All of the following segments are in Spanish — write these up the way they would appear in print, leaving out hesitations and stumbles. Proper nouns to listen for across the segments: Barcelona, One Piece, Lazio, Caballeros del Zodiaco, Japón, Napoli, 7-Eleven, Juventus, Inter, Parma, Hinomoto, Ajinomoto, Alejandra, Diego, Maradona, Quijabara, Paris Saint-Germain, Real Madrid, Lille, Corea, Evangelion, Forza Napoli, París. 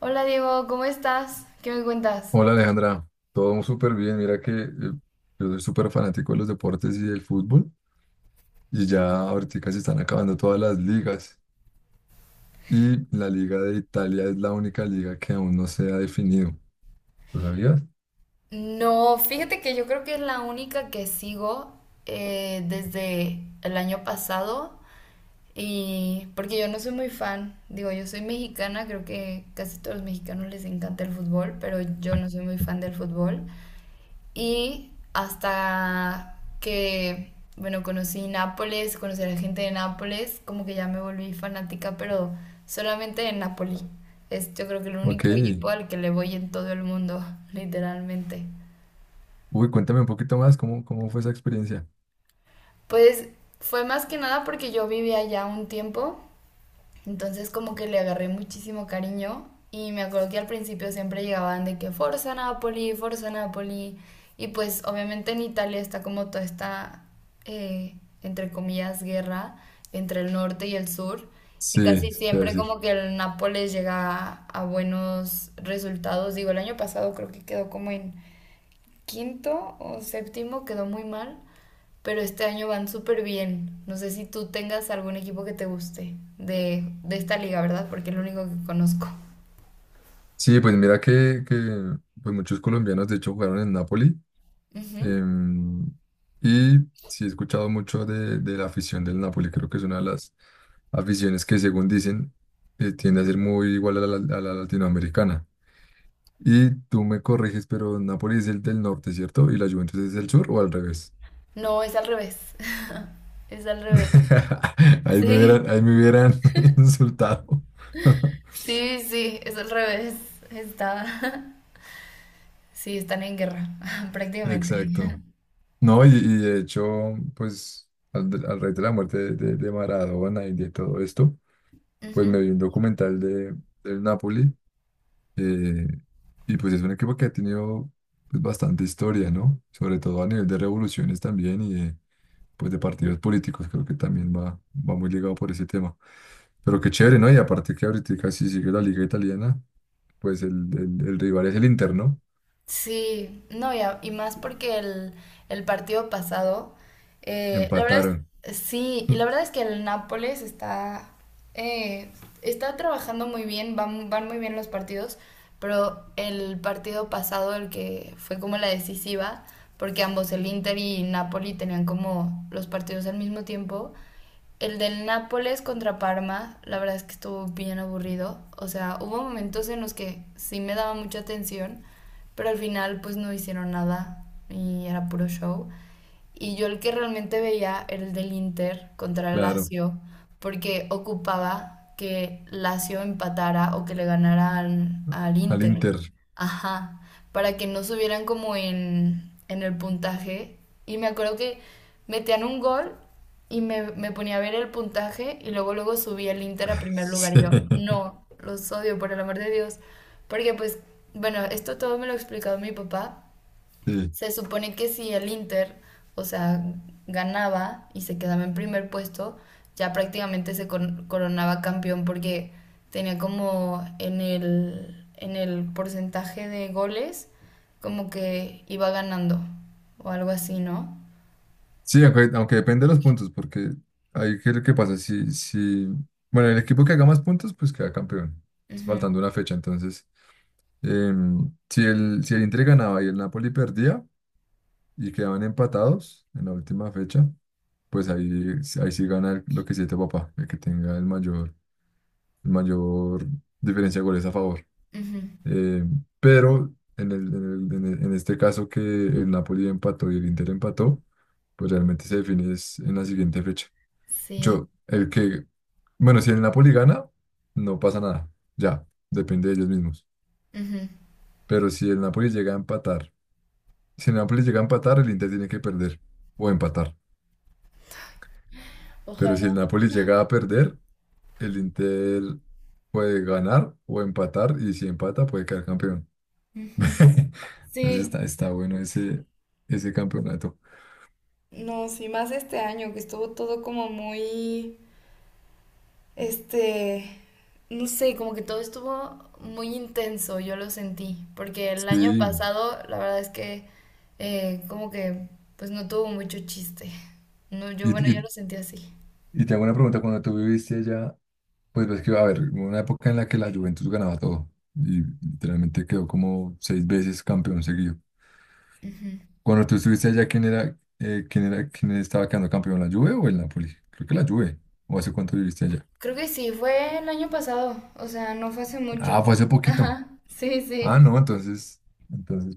Hola Diego, ¿cómo estás? ¿Qué me cuentas? Hola Alejandra, todo súper bien. Mira que yo soy súper fanático de los deportes y del fútbol y ya ahorita se están acabando todas las ligas y la liga de Italia es la única liga que aún no se ha definido. ¿Lo sabías? No, fíjate que yo creo que es la única que sigo desde el año pasado y porque yo no soy muy fan, digo, yo soy mexicana, creo que casi todos los mexicanos les encanta el fútbol, pero yo no soy muy fan del fútbol. Y hasta que, bueno, conocí Nápoles, conocí a la gente de Nápoles, como que ya me volví fanática, pero solamente de Napoli. Es yo creo que el Ok. único equipo al que le voy en todo el mundo, literalmente. Uy, cuéntame un poquito más, ¿cómo fue esa experiencia? Pues fue más que nada porque yo vivía allá un tiempo. Entonces como que le agarré muchísimo cariño y me acuerdo que al principio siempre llegaban de que Forza Napoli, Forza Napoli. Y pues obviamente en Italia está como toda esta, eh, entre comillas, guerra entre el norte y el sur. Y Sí, casi te voy a siempre decir. como que el Nápoles llega a buenos resultados. Digo, el año pasado creo que quedó como en quinto o séptimo, quedó muy mal, pero este año van súper bien. No sé si tú tengas algún equipo que te guste de esta liga, ¿verdad? Porque es lo único que conozco. Sí, pues mira que pues muchos colombianos de hecho jugaron en Napoli. Ujú. Em, y sí he escuchado mucho de la afición del Napoli, creo que es una de las aficiones que según dicen tiende a ser muy igual a la latinoamericana. Y tú me corriges, pero Napoli es el del norte, ¿cierto? ¿Y la Juventus es el sur o al revés? No, es al revés. Es al revés. Sí, ahí me hubieran insultado. sí, sí, es al revés. Está. Sí, están en guerra, prácticamente. Exacto. No, y de hecho, pues al raíz de la muerte de Maradona y de todo esto, pues Ujú. me vi un documental del Napoli. Eh, y pues es un equipo que ha tenido pues, bastante historia, ¿no? Sobre todo a nivel de revoluciones también y pues de partidos políticos, creo que también va muy ligado por ese tema. Pero qué chévere, ¿no? Y aparte que ahorita casi sigue la liga italiana, pues el rival es el Inter, ¿no? Sí, no, y, y más porque el partido pasado, la verdad Empataron. es, sí, y la verdad es que el Nápoles está, eh, está trabajando muy bien, van, van muy bien los partidos, pero el partido pasado, el que fue como la decisiva, porque ambos el Inter y Napoli tenían como los partidos al mismo tiempo, el del Nápoles contra Parma, la verdad es que estuvo bien aburrido. O sea, hubo momentos en los que sí me daba mucha atención, pero al final pues no hicieron nada y era puro show. Y yo el que realmente veía era el del Inter contra el Claro, Lazio, porque ocupaba que Lazio empatara o que le ganara al al Inter. Inter. Ajá, para que no subieran como en el puntaje. Y me acuerdo que metían un gol y me ponía a ver el puntaje y luego luego subía el Inter a primer lugar y yo, no, los odio, por el amor de Dios. Porque pues, bueno, esto todo me lo ha explicado mi papá. Sí. Se supone que si el Inter, o sea, ganaba y se quedaba en primer puesto, ya prácticamente coronaba campeón porque tenía como en el porcentaje de goles, como que iba ganando o algo así, ¿no? Sí, aunque depende de los puntos, porque ahí qué es lo que pasa. Si, bueno, el equipo que haga más puntos, pues queda campeón. Está Ujú, faltando una fecha, entonces. Si el Inter ganaba y el Napoli perdía y quedaban empatados en la última fecha, pues ahí sí gana lo que siete papá, el que tenga el mayor diferencia de goles a favor. ujú. Pero en este caso que el Napoli empató y el Inter empató, pues realmente se define es en la siguiente fecha. Sí. Yo, el que, bueno, si el Napoli gana, no pasa nada. Ya, depende de ellos mismos. Ujú. Pero si el Napoli llega a empatar, si el Napoli llega a empatar, el Inter tiene que perder o empatar. Pero si el Ojalá. Napoli llega a perder, el Inter puede ganar o empatar y si empata puede quedar campeón. Ujú. Entonces Sí. está bueno ese campeonato. No, sí, más este año que estuvo todo como muy. Este, no sé, como que todo estuvo muy intenso, yo lo sentí, porque el año Sí, pasado la verdad es que como que pues no tuvo mucho chiste. No, yo y, bueno, yo lo y, sentí así. y te hago una pregunta, cuando tú viviste allá. Pues ves que va a haber una época en la que la Juventus ganaba todo y literalmente quedó como seis veces campeón seguido. Ujú. Cuando tú estuviste allá, ¿quién era, quién estaba quedando campeón, la Juve o el Napoli? Creo que la Juve. ¿O hace cuánto viviste allá? Creo que sí, fue el año pasado, o sea, no fue hace mucho. Ah, fue hace poquito. Ajá, sí, Ah, sí. no, entonces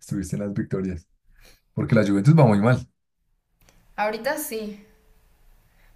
estuviste en las victorias. Porque la Juventus va muy mal. Ahorita sí,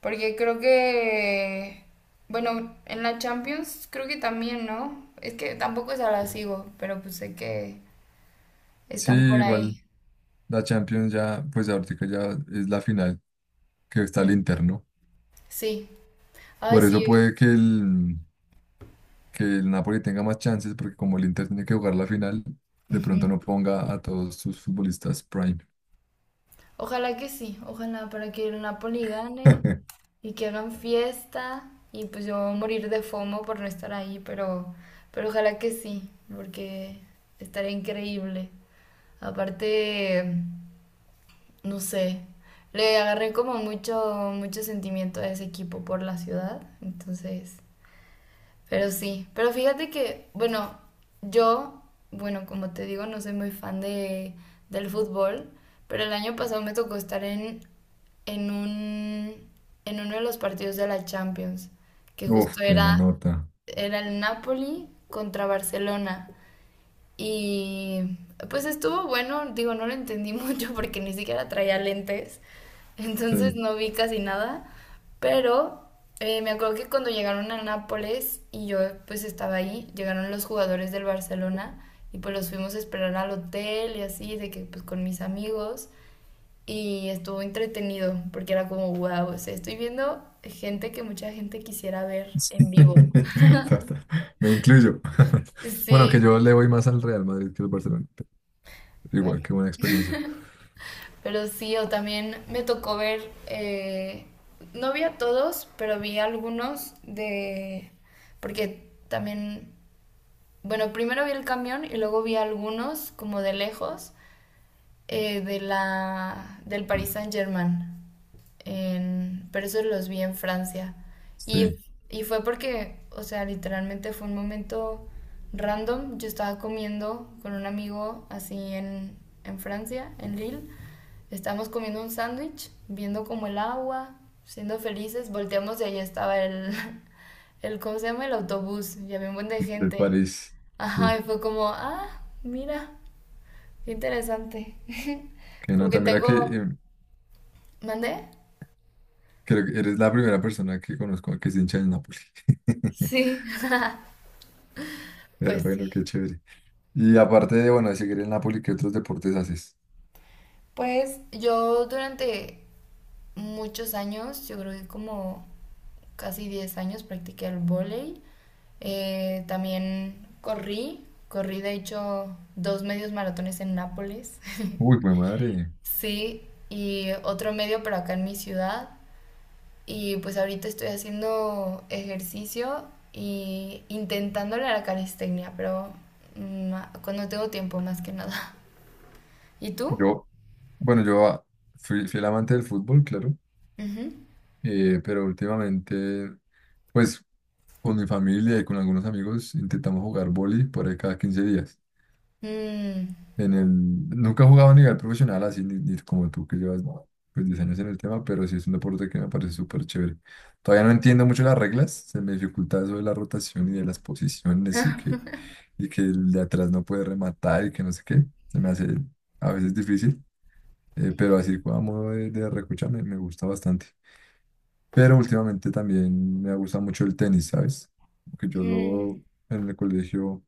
porque creo que, bueno, en la Champions creo que también, ¿no? Es que tampoco se la sigo, pero pues sé que Sí, están por igual ahí. la Champions ya, pues ahorita ya es la final que está el Mm, Inter, ¿no? sí, ay Por eso sí, puede que el Napoli tenga más chances, porque como el Inter tiene que jugar la final, de ujú. pronto no ponga a todos sus futbolistas prime. Ojalá que sí, ojalá para que el Napoli gane y que hagan fiesta y pues yo voy a morir de FOMO por no estar ahí, pero ojalá que sí, porque estaría increíble. Aparte, no sé, le agarré como mucho sentimiento a ese equipo por la ciudad, entonces. Pero sí, pero fíjate que, bueno, yo, bueno, como te digo, no soy muy fan de, del fútbol, pero el año pasado me tocó estar en, en un, en uno de los partidos de la Champions, que Uf, justo qué era, nota. era el Napoli contra Barcelona. Y pues estuvo bueno, digo, no lo entendí mucho porque ni siquiera traía lentes, entonces Sí. no vi casi nada, pero me acuerdo que cuando llegaron a Nápoles y yo pues estaba ahí, llegaron los jugadores del Barcelona y pues los fuimos a esperar al hotel y así, de que pues con mis amigos y estuvo entretenido porque era como, wow, o sea, estoy viendo gente que mucha gente quisiera ver en Sí. vivo. Ta- ta. Me incluyo. Bueno, que yo Sí, le voy más al Real Madrid que al Barcelona. Pero igual, bueno. qué buena experiencia. Pero sí, o también me tocó ver, no vi a todos, pero vi algunos de, porque también, bueno, primero vi el camión y luego vi algunos como de lejos, de la, del Paris Saint-Germain, pero eso los vi en Francia. Y, Sí, y fue porque, o sea, literalmente fue un momento random. Yo estaba comiendo con un amigo así en Francia, en Lille. Estábamos comiendo un sándwich, viendo como el agua, siendo felices. Volteamos y ahí estaba el, el, ¿cómo se llama? El autobús. Y había un buen de del gente. París. Sí, Ajá, y fue como, ah, mira. Qué interesante. qué Como que nota. Mira que tengo... ¿Mandé? creo que eres la primera persona que conozco que es hincha del Napoli. Sí, Pero pues bueno, sí. qué chévere. Y aparte de, bueno, de seguir el Napoli, ¿qué otros deportes haces? Pues yo durante muchos años, yo creo que como casi 10 años practiqué el vóley. También corrí, corrí de hecho 2 medios maratones en Nápoles. Uy, mi madre. Sí, y otro medio pero acá en mi ciudad. Y pues ahorita estoy haciendo ejercicio y intentándole a la calistenia, pero mm, cuando tengo tiempo más que nada. ¿Y tú? Yo, bueno, yo fui el amante del fútbol, claro, Ujú. Pero últimamente, pues con mi familia y con algunos amigos intentamos jugar vóley por ahí cada 15 días. Mm. En el, Nunca he jugado a nivel profesional así, ni como tú que llevas no, pues, 10 años en el tema, pero sí es un deporte que me parece súper chévere. Todavía no entiendo mucho las reglas, se me dificulta eso de la rotación y de las posiciones y que, y que el de atrás no puede rematar y que no sé qué, se me hace a veces difícil. Pero así como de recocha me gusta bastante. Pero últimamente también me ha gustado mucho el tenis, ¿sabes? Porque yo Mm, lo en el colegio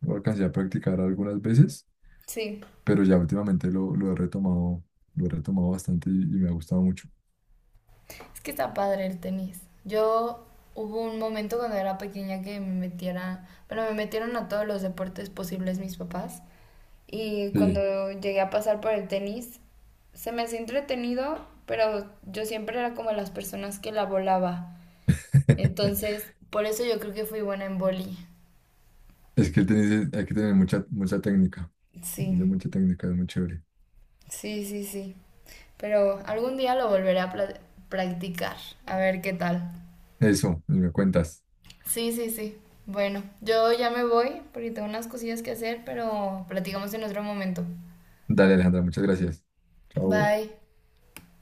lo alcancé a practicar algunas veces, sí, pero ya últimamente lo he retomado, lo he retomado bastante y me ha gustado mucho. es que está padre el tenis. Yo hubo un momento cuando era pequeña que me metiera, bueno, me metieron a todos los deportes posibles mis papás. Y Sí. cuando llegué a pasar por el tenis, se me hacía entretenido, pero yo siempre era como las personas que la volaba. Entonces, por eso yo creo que fui buena en boli. Es que el tenis hay que tener mucha, mucha técnica. Es de Sí, mucha técnica, es muy chévere. sí, sí, sí. Pero algún día lo volveré a practicar, a ver qué tal. Eso, me cuentas. Sí, sí, sí. Bueno, yo ya me voy porque tengo unas cosillas que hacer, pero platicamos en otro momento. Dale, Alejandra, muchas gracias. Chao. Bye.